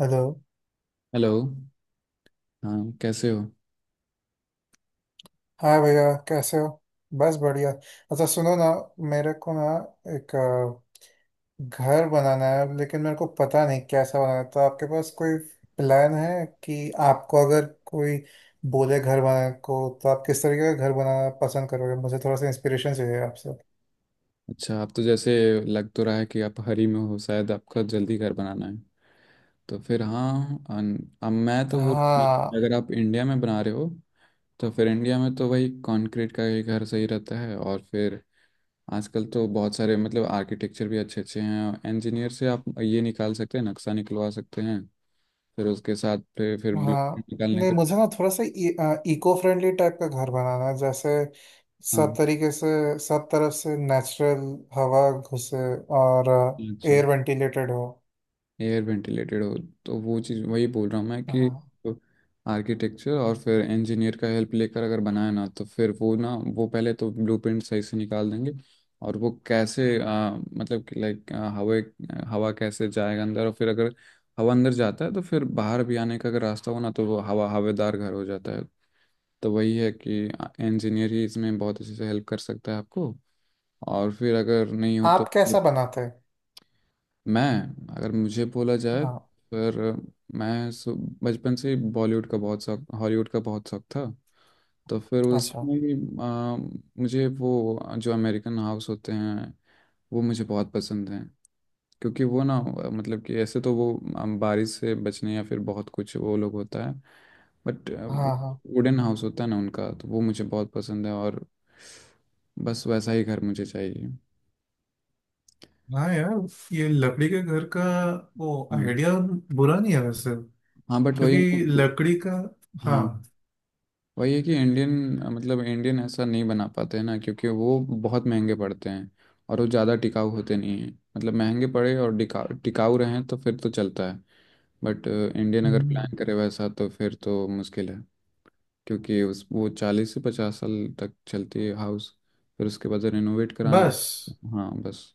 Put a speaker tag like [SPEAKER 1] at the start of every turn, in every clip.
[SPEAKER 1] Hello.
[SPEAKER 2] Hello. हाँ, कैसे हो।
[SPEAKER 1] हाँ भैया, कैसे हो? बस बढ़िया। अच्छा सुनो ना, मेरे को ना एक घर बनाना है, लेकिन मेरे को पता नहीं कैसा बनाना है। तो आपके पास कोई प्लान है कि आपको अगर कोई बोले घर बनाने को, तो आप किस तरीके का घर बनाना पसंद करोगे? मुझे थोड़ा सा इंस्पिरेशन चाहिए आपसे।
[SPEAKER 2] अच्छा, आप तो जैसे लग तो रहा है कि आप हरी में हो, शायद आपका जल्दी घर बनाना है। तो फिर हाँ, अब मैं तो वो
[SPEAKER 1] हाँ।
[SPEAKER 2] अगर आप इंडिया में बना रहे हो, तो फिर इंडिया में तो वही कंक्रीट का ही घर सही रहता है। और फिर आजकल तो बहुत सारे मतलब आर्किटेक्चर भी अच्छे अच्छे हैं, इंजीनियर से आप ये निकाल सकते हैं, नक्शा निकलवा सकते हैं, फिर उसके साथ फिर ब्लूप्रिंट
[SPEAKER 1] हाँ,
[SPEAKER 2] निकालने
[SPEAKER 1] नहीं,
[SPEAKER 2] के।
[SPEAKER 1] मुझे ना थोड़ा सा इको फ्रेंडली टाइप का घर बनाना है। जैसे सब
[SPEAKER 2] हाँ।
[SPEAKER 1] तरीके से, सब तरफ से नेचुरल हवा घुसे। और
[SPEAKER 2] अच्छा।
[SPEAKER 1] एयर वेंटिलेटेड हो।
[SPEAKER 2] एयर वेंटिलेटेड हो, तो वो चीज़ वही बोल रहा हूँ मैं कि
[SPEAKER 1] हाँ,
[SPEAKER 2] आर्किटेक्चर और फिर इंजीनियर का हेल्प लेकर अगर बनाया ना, तो फिर वो ना वो पहले तो ब्लूप्रिंट सही से निकाल देंगे। और वो कैसे मतलब कि लाइक हवा, हवा कैसे जाएगा अंदर, और फिर अगर हवा अंदर जाता है तो फिर बाहर भी आने का अगर रास्ता हो ना, तो वो हवा हवादार घर हो जाता है। तो वही है कि इंजीनियर ही इसमें बहुत अच्छे से हेल्प कर सकता है आपको। और फिर अगर नहीं हो तो।
[SPEAKER 1] आप कैसा बनाते हैं?
[SPEAKER 2] मैं, अगर मुझे बोला जाए,
[SPEAKER 1] हाँ।
[SPEAKER 2] फिर मैं सु- बचपन से ही बॉलीवुड का बहुत शौक, हॉलीवुड का बहुत शौक था। तो फिर
[SPEAKER 1] अच्छा।
[SPEAKER 2] उसमें भी, आ, मुझे वो जो अमेरिकन हाउस होते हैं वो मुझे बहुत पसंद हैं। क्योंकि वो ना मतलब कि ऐसे तो वो बारिश से बचने या फिर बहुत कुछ वो लोग होता है। बट वो
[SPEAKER 1] हाँ हाँ।
[SPEAKER 2] वुडन हाउस होता है ना उनका, तो वो मुझे बहुत पसंद है। और बस वैसा ही घर मुझे चाहिए।
[SPEAKER 1] हाँ यार, ये लकड़ी के घर का वो
[SPEAKER 2] हम्म।
[SPEAKER 1] आइडिया बुरा नहीं है वैसे,
[SPEAKER 2] हाँ बट वही है।
[SPEAKER 1] क्योंकि
[SPEAKER 2] ना-
[SPEAKER 1] लकड़ी का।
[SPEAKER 2] हाँ
[SPEAKER 1] हाँ।
[SPEAKER 2] वही है कि इंडियन, मतलब इंडियन ऐसा नहीं बना पाते हैं ना, क्योंकि वो बहुत महंगे पड़ते हैं। और वो ज़्यादा टिकाऊ होते नहीं हैं, मतलब महंगे पड़े और टिकाऊ टिकाऊ रहें तो फिर तो चलता है। बट इंडियन अगर
[SPEAKER 1] हम्म,
[SPEAKER 2] प्लान करे वैसा तो फिर तो मुश्किल है। क्योंकि उस वो 40 से 50 साल तक चलती है हाउस, फिर उसके बाद रिनोवेट कराना।
[SPEAKER 1] बस।
[SPEAKER 2] हाँ, बस।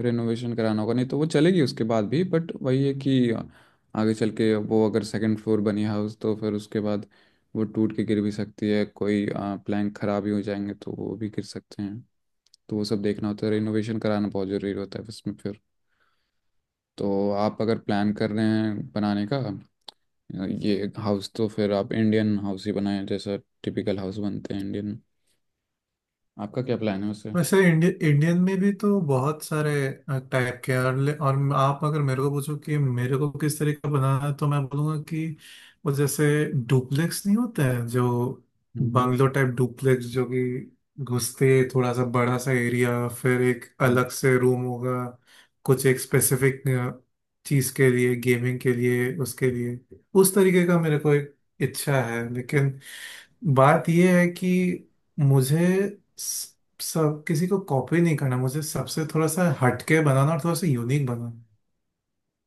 [SPEAKER 2] रेनोवेशन कराना होगा, नहीं तो वो चलेगी उसके बाद भी, बट वही है कि आगे चल के वो अगर सेकंड फ्लोर बनी हाउस, तो फिर उसके बाद वो टूट के गिर भी सकती है, कोई प्लैंक खराब ही हो जाएंगे तो वो भी गिर सकते हैं। तो वो सब देखना होता है, रेनोवेशन कराना बहुत ज़रूरी होता है उसमें फिर। तो आप अगर प्लान कर रहे हैं बनाने का ये हाउस, तो फिर आप इंडियन हाउस ही बनाएं, जैसा टिपिकल हाउस बनते हैं इंडियन। आपका क्या प्लान है उससे।
[SPEAKER 1] वैसे इंडियन में भी तो बहुत सारे टाइप के हैं। और आप अगर मेरे को पूछो कि मेरे को किस तरह का बनाना है, तो मैं बोलूँगा कि वो जैसे डुप्लेक्स नहीं होते हैं जो,
[SPEAKER 2] हम्म।
[SPEAKER 1] बंगलो टाइप डुप्लेक्स, जो कि घुसते थोड़ा सा बड़ा सा एरिया, फिर एक अलग से रूम होगा कुछ एक स्पेसिफिक चीज़ के लिए, गेमिंग के लिए, उसके लिए। उस तरीके का मेरे को एक इच्छा है। लेकिन बात यह है कि मुझे सब किसी को कॉपी नहीं करना। मुझे सबसे थोड़ा सा हटके बनाना और थोड़ा सा यूनिक बनाना।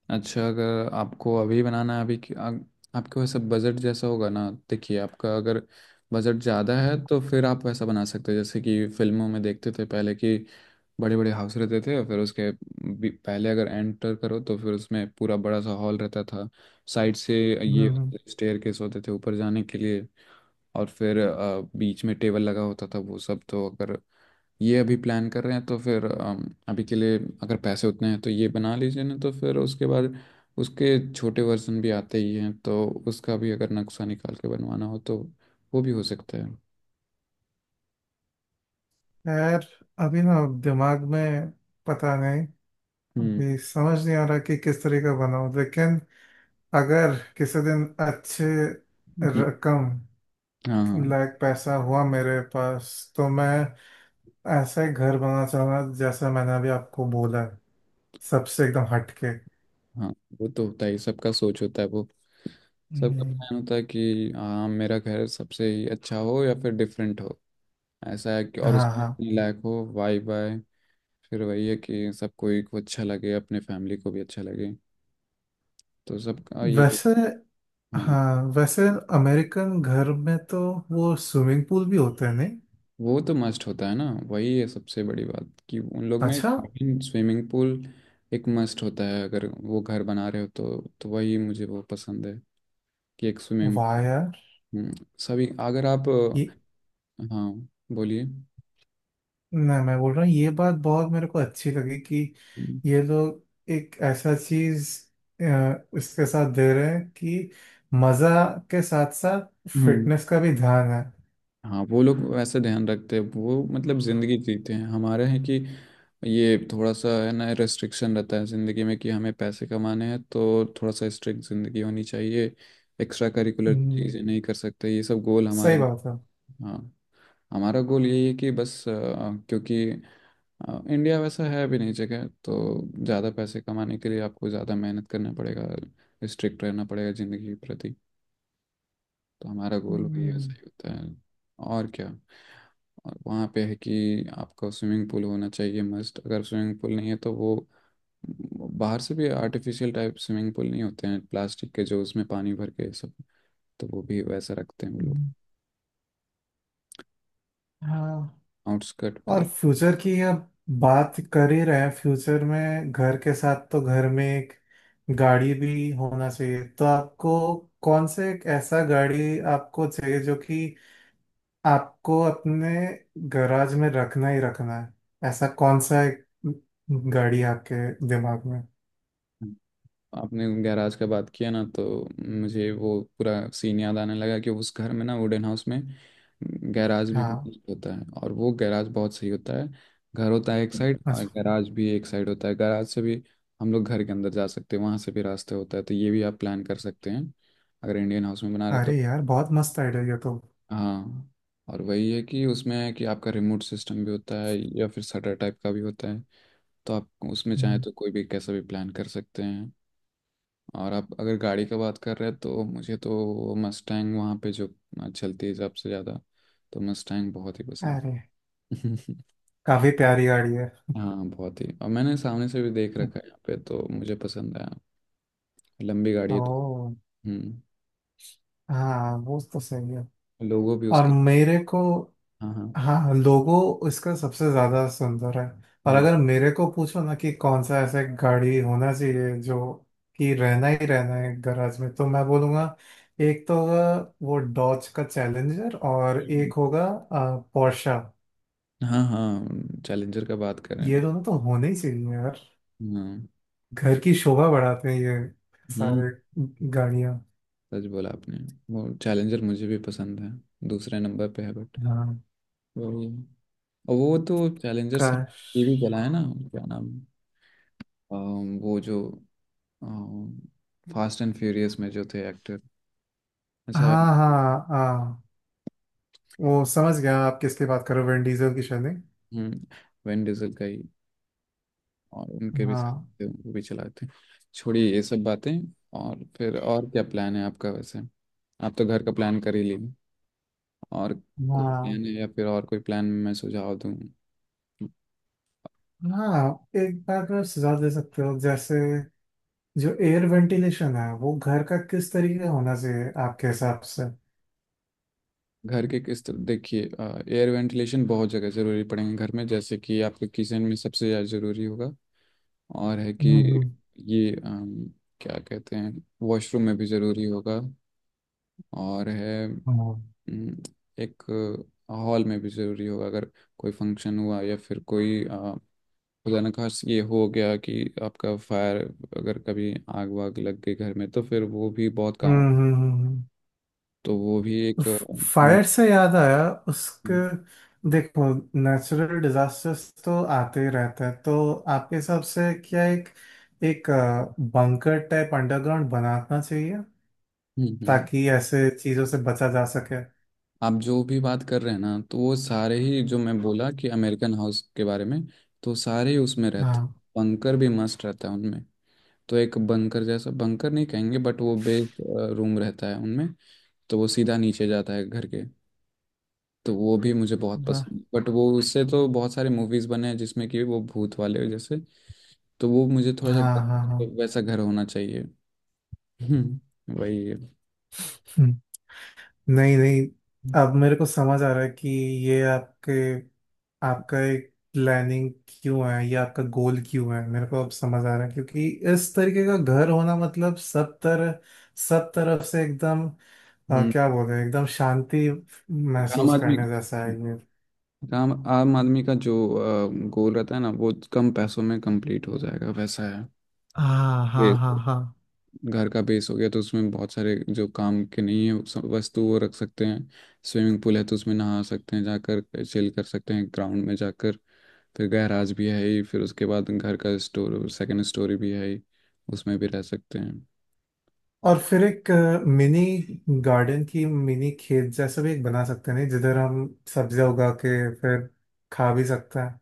[SPEAKER 2] अच्छा, अगर आपको अभी बनाना है आपके वैसे बजट जैसा होगा ना। देखिए आपका अगर बजट ज़्यादा है, तो फिर आप वैसा बना सकते हैं जैसे कि फिल्मों में देखते थे पहले कि बड़े बड़े हाउस रहते थे। फिर पहले अगर एंटर करो, तो फिर उसमें पूरा बड़ा सा हॉल रहता था, साइड से ये
[SPEAKER 1] हम्म।
[SPEAKER 2] स्टेयर केस होते थे ऊपर जाने के लिए। और फिर बीच में टेबल लगा होता था। वो सब तो अगर ये अभी प्लान कर रहे हैं, तो फिर अभी के लिए अगर पैसे उतने हैं तो ये बना लीजिए ना। तो फिर उसके बाद उसके छोटे वर्जन भी आते ही हैं, तो उसका भी अगर नक्शा निकाल के बनवाना हो तो वो भी हो सकता है।
[SPEAKER 1] यार, अभी ना दिमाग में पता नहीं।
[SPEAKER 2] हम्म।
[SPEAKER 1] अभी समझ नहीं आ रहा कि किस तरह का बनाऊं। लेकिन अगर किसी दिन अच्छे
[SPEAKER 2] हम्म,
[SPEAKER 1] रकम
[SPEAKER 2] हाँ, हाँ,
[SPEAKER 1] लायक पैसा हुआ मेरे पास, तो मैं ऐसा ही घर बनाना चाहूंगा जैसा मैंने अभी आपको बोला है। सबसे एकदम हटके।
[SPEAKER 2] हाँ। वो तो होता ही, सबका सोच होता है वो। सबका
[SPEAKER 1] हम्म।
[SPEAKER 2] प्लान होता है कि हाँ मेरा घर सबसे ही अच्छा हो या फिर डिफरेंट हो, ऐसा है। कि और
[SPEAKER 1] हाँ
[SPEAKER 2] उसमें
[SPEAKER 1] हाँ।
[SPEAKER 2] अपने लायक हो वाई बाय। फिर वही है कि सबको एक अच्छा लगे, अपने फैमिली को भी अच्छा लगे। तो सबका यही।
[SPEAKER 1] वैसे।
[SPEAKER 2] हाँ।
[SPEAKER 1] हाँ, वैसे अमेरिकन घर में तो वो स्विमिंग पूल भी होते हैं नहीं?
[SPEAKER 2] वो तो मस्ट होता है ना, वही है सबसे बड़ी बात कि उन लोग में
[SPEAKER 1] अच्छा।
[SPEAKER 2] काफी स्विमिंग पूल एक मस्ट होता है, अगर वो घर बना रहे हो तो। तो वही मुझे वो पसंद है कि एक स्विमिंग।
[SPEAKER 1] वाह यार।
[SPEAKER 2] सभी अगर आप।
[SPEAKER 1] ये
[SPEAKER 2] हाँ, बोलिए।
[SPEAKER 1] ना, मैं बोल रहा हूँ, ये बात बहुत मेरे को अच्छी लगी कि
[SPEAKER 2] हम्म।
[SPEAKER 1] ये लोग एक ऐसा चीज इसके साथ दे रहे हैं कि मजा के साथ साथ
[SPEAKER 2] हम्म।
[SPEAKER 1] फिटनेस का भी ध्यान है।
[SPEAKER 2] हाँ वो लोग वैसे ध्यान रखते हैं, वो मतलब ज़िंदगी जीते हैं हमारे हैं कि ये थोड़ा सा है ना, रेस्ट्रिक्शन रहता है ज़िंदगी में कि हमें पैसे कमाने हैं, तो थोड़ा सा स्ट्रिक्ट ज़िंदगी होनी चाहिए। एक्स्ट्रा करिकुलर
[SPEAKER 1] हम्म,
[SPEAKER 2] चीज़ें नहीं कर सकते, ये सब गोल हमारे।
[SPEAKER 1] सही बात है।
[SPEAKER 2] हाँ। हमारा गोल यही है कि बस क्योंकि इंडिया वैसा है भी नहीं जगह, तो ज़्यादा पैसे कमाने के लिए आपको ज़्यादा मेहनत करना पड़ेगा, स्ट्रिक्ट रहना पड़ेगा ज़िंदगी के प्रति। तो हमारा गोल भी ऐसा
[SPEAKER 1] हम्म।
[SPEAKER 2] ही होता है, और क्या। और वहाँ पे है कि आपका स्विमिंग पूल होना चाहिए मस्ट, अगर स्विमिंग पूल नहीं है तो वो बाहर से भी आर्टिफिशियल टाइप स्विमिंग पूल नहीं होते हैं, प्लास्टिक के जो उसमें पानी भर के सब। तो वो भी वैसा रखते हैं वो लोग
[SPEAKER 1] हम्म। हाँ।
[SPEAKER 2] आउटस्कर्ट में
[SPEAKER 1] और
[SPEAKER 2] अगर।
[SPEAKER 1] फ्यूचर की अब बात कर ही रहे हैं। फ्यूचर में घर के साथ, तो घर में एक गाड़ी भी होना चाहिए। तो आपको कौन से, एक ऐसा गाड़ी आपको चाहिए जो कि आपको अपने गैराज में रखना ही रखना है, ऐसा कौन सा एक गाड़ी है आपके दिमाग में?
[SPEAKER 2] आपने गैराज का बात किया ना, तो मुझे वो पूरा सीन याद आने लगा कि उस घर में ना वुडन हाउस में गैराज भी
[SPEAKER 1] हाँ।
[SPEAKER 2] बहुत होता है, और वो गैराज बहुत सही होता है। घर होता है एक साइड और
[SPEAKER 1] अच्छा,
[SPEAKER 2] गैराज भी एक साइड होता है, गैराज से भी हम लोग घर के अंदर जा सकते हैं, वहाँ से भी रास्ते होता है, तो ये भी आप प्लान कर सकते हैं, अगर इंडियन हाउस में बना रहे तो।
[SPEAKER 1] अरे यार बहुत मस्त आइडिया ये तो।
[SPEAKER 2] हाँ। और वही है कि उसमें है कि आपका रिमोट सिस्टम भी होता है या फिर शटर टाइप का भी होता है। तो आप उसमें चाहें
[SPEAKER 1] हम्म।
[SPEAKER 2] तो कोई भी कैसा भी प्लान कर सकते हैं। और आप अगर गाड़ी का बात कर रहे हैं, तो मुझे तो मस्टैंग वहाँ पे जो चलती है सबसे ज़्यादा, तो मस्टैंग बहुत ही पसंद
[SPEAKER 1] अरे,
[SPEAKER 2] है।
[SPEAKER 1] काफी प्यारी गाड़ी है।
[SPEAKER 2] हाँ बहुत ही, और मैंने सामने से भी देख रखा है यहाँ पे, तो मुझे पसंद आया। लंबी गाड़ी है तो।
[SPEAKER 1] ओ।
[SPEAKER 2] हम्म।
[SPEAKER 1] हाँ वो तो सही है।
[SPEAKER 2] लोगों भी
[SPEAKER 1] और
[SPEAKER 2] उसका।
[SPEAKER 1] मेरे को,
[SPEAKER 2] हाँ, हाँ,
[SPEAKER 1] हाँ लोगो इसका सबसे ज्यादा सुंदर है। और
[SPEAKER 2] हाँ।
[SPEAKER 1] अगर मेरे को पूछो ना कि कौन सा ऐसा गाड़ी होना चाहिए जो कि रहना ही रहना है गैराज में, तो मैं बोलूँगा एक तो होगा वो डॉज का चैलेंजर, और एक
[SPEAKER 2] हम्म।
[SPEAKER 1] होगा पोर्शा।
[SPEAKER 2] हाँ हाँ, चैलेंजर का बात कर रहे हैं
[SPEAKER 1] ये
[SPEAKER 2] भाई।
[SPEAKER 1] दोनों तो होने ही चाहिए यार।
[SPEAKER 2] हाँ।
[SPEAKER 1] घर की शोभा बढ़ाते हैं ये
[SPEAKER 2] हम्म।
[SPEAKER 1] सारे गाड़ियाँ।
[SPEAKER 2] सच बोला आपने। वो चैलेंजर मुझे भी पसंद है, दूसरे नंबर पे है बट।
[SPEAKER 1] हाँ।
[SPEAKER 2] वही। और वो तो चैलेंजर सब
[SPEAKER 1] काश।
[SPEAKER 2] ये भी चला है ना, क्या नाम, वो जो फास्ट एंड फ्यूरियस में जो थे एक्टर। अच्छा।
[SPEAKER 1] हाँ हाँ हाँ, वो समझ गया आप किसकी बात करो, विन डीजल की, शायद नहीं?
[SPEAKER 2] हम्म। वैन डीजल का ही, और उनके भी साथ
[SPEAKER 1] हाँ।
[SPEAKER 2] थे, वो भी चलाते हैं। छोड़िए ये सब बातें। और फिर और क्या प्लान है आपका वैसे। आप तो घर का प्लान कर ही लिए, और कोई
[SPEAKER 1] हाँ,
[SPEAKER 2] प्लान है या फिर और कोई प्लान मैं सुझाव दूं।
[SPEAKER 1] हाँ एक बात में सुझाव दे सकते हो। जैसे जो एयर वेंटिलेशन है, वो घर का किस तरीके का होना चाहिए आपके हिसाब से?
[SPEAKER 2] घर के किस तरह देखिए, एयर वेंटिलेशन बहुत जगह ज़रूरी पड़ेंगे घर में। जैसे कि आपके किचन में सबसे ज़्यादा ज़रूरी होगा, और है कि
[SPEAKER 1] हम्म।
[SPEAKER 2] ये क्या कहते हैं, वॉशरूम में भी ज़रूरी होगा। और है
[SPEAKER 1] हम्म।
[SPEAKER 2] अम, एक हॉल में भी ज़रूरी होगा, अगर कोई फंक्शन हुआ या फिर कोई खुदा न खास ये हो गया कि आपका फायर, अगर कभी आग वाग लग गई घर में तो फिर वो भी बहुत काम
[SPEAKER 1] हम्म।
[SPEAKER 2] तो वो भी एक हम्म,
[SPEAKER 1] फायर से याद आया उसके, देखो, नेचुरल डिजास्टर्स तो आते ही रहते हैं। तो आपके हिसाब से क्या एक, एक बंकर टाइप अंडरग्राउंड बनाना चाहिए
[SPEAKER 2] हम्म, हम्म।
[SPEAKER 1] ताकि ऐसे चीजों से बचा जा सके?
[SPEAKER 2] आप जो भी बात कर रहे हैं ना, तो वो सारे ही जो मैं बोला कि अमेरिकन हाउस के बारे में, तो सारे ही उसमें रहते।
[SPEAKER 1] हाँ।
[SPEAKER 2] बंकर भी मस्त रहता है उनमें, तो एक बंकर, जैसा बंकर नहीं कहेंगे बट वो बेस रूम रहता है उनमें। तो वो सीधा नीचे जाता है घर के। तो वो भी मुझे बहुत
[SPEAKER 1] वाह।
[SPEAKER 2] पसंद, बट वो उससे तो बहुत सारे मूवीज बने हैं जिसमें कि वो भूत वाले जैसे। तो वो मुझे थोड़ा सा
[SPEAKER 1] हाँ। हाँ
[SPEAKER 2] वैसा घर होना चाहिए। हम्म, वही है।
[SPEAKER 1] हाँ। नहीं नहीं, अब मेरे को समझ आ रहा है कि ये आपके, आपका एक प्लानिंग क्यों है, ये आपका गोल क्यों है, मेरे को अब समझ आ रहा है। क्योंकि इस तरीके का घर होना मतलब सब तरह, सब तरफ से एकदम
[SPEAKER 2] हम्म।
[SPEAKER 1] क्या बोल रहे हैं, एकदम शांति
[SPEAKER 2] काम
[SPEAKER 1] महसूस
[SPEAKER 2] आदमी
[SPEAKER 1] करने जैसा है ये।
[SPEAKER 2] आम आम आदमी का जो गोल रहता है ना, वो कम पैसों में कंप्लीट हो जाएगा, वैसा है।
[SPEAKER 1] हाँ हाँ हाँ
[SPEAKER 2] बिल्कुल।
[SPEAKER 1] हाँ।
[SPEAKER 2] घर का बेस हो गया तो उसमें बहुत सारे जो काम के नहीं है वस्तु वो रख सकते हैं। स्विमिंग पूल है तो उसमें नहा सकते हैं, जाकर चिल कर सकते हैं ग्राउंड में जाकर। फिर गैराज भी है ही, फिर उसके बाद घर का स्टोर सेकंड स्टोरी भी है ही, उसमें भी रह सकते हैं।
[SPEAKER 1] और फिर एक मिनी गार्डन की, मिनी खेत जैसा भी एक बना सकते हैं नहीं, जिधर हम सब्जियां उगा के फिर खा भी सकते हैं।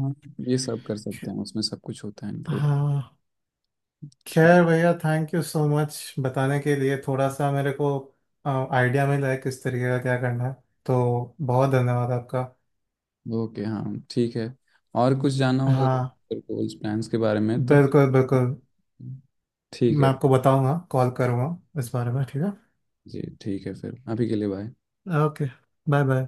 [SPEAKER 2] हाँ। ये सब कर सकते हैं, उसमें सब कुछ होता है इंक्लूड।
[SPEAKER 1] हाँ।
[SPEAKER 2] ठीक।
[SPEAKER 1] खैर भैया, थैंक यू सो मच बताने के लिए। थोड़ा सा मेरे को आइडिया मिला है किस तरीके का क्या करना है। तो बहुत धन्यवाद आपका।
[SPEAKER 2] ओके, हाँ ठीक है। और कुछ जानना होगा
[SPEAKER 1] हाँ,
[SPEAKER 2] गोल्स प्लान्स के बारे में तो।
[SPEAKER 1] बिल्कुल बिल्कुल,
[SPEAKER 2] ठीक
[SPEAKER 1] मैं
[SPEAKER 2] है।
[SPEAKER 1] आपको बताऊंगा, कॉल करूंगा इस बारे में। ठीक है।
[SPEAKER 2] जी ठीक है, फिर अभी के लिए बाय।
[SPEAKER 1] Okay, bye bye.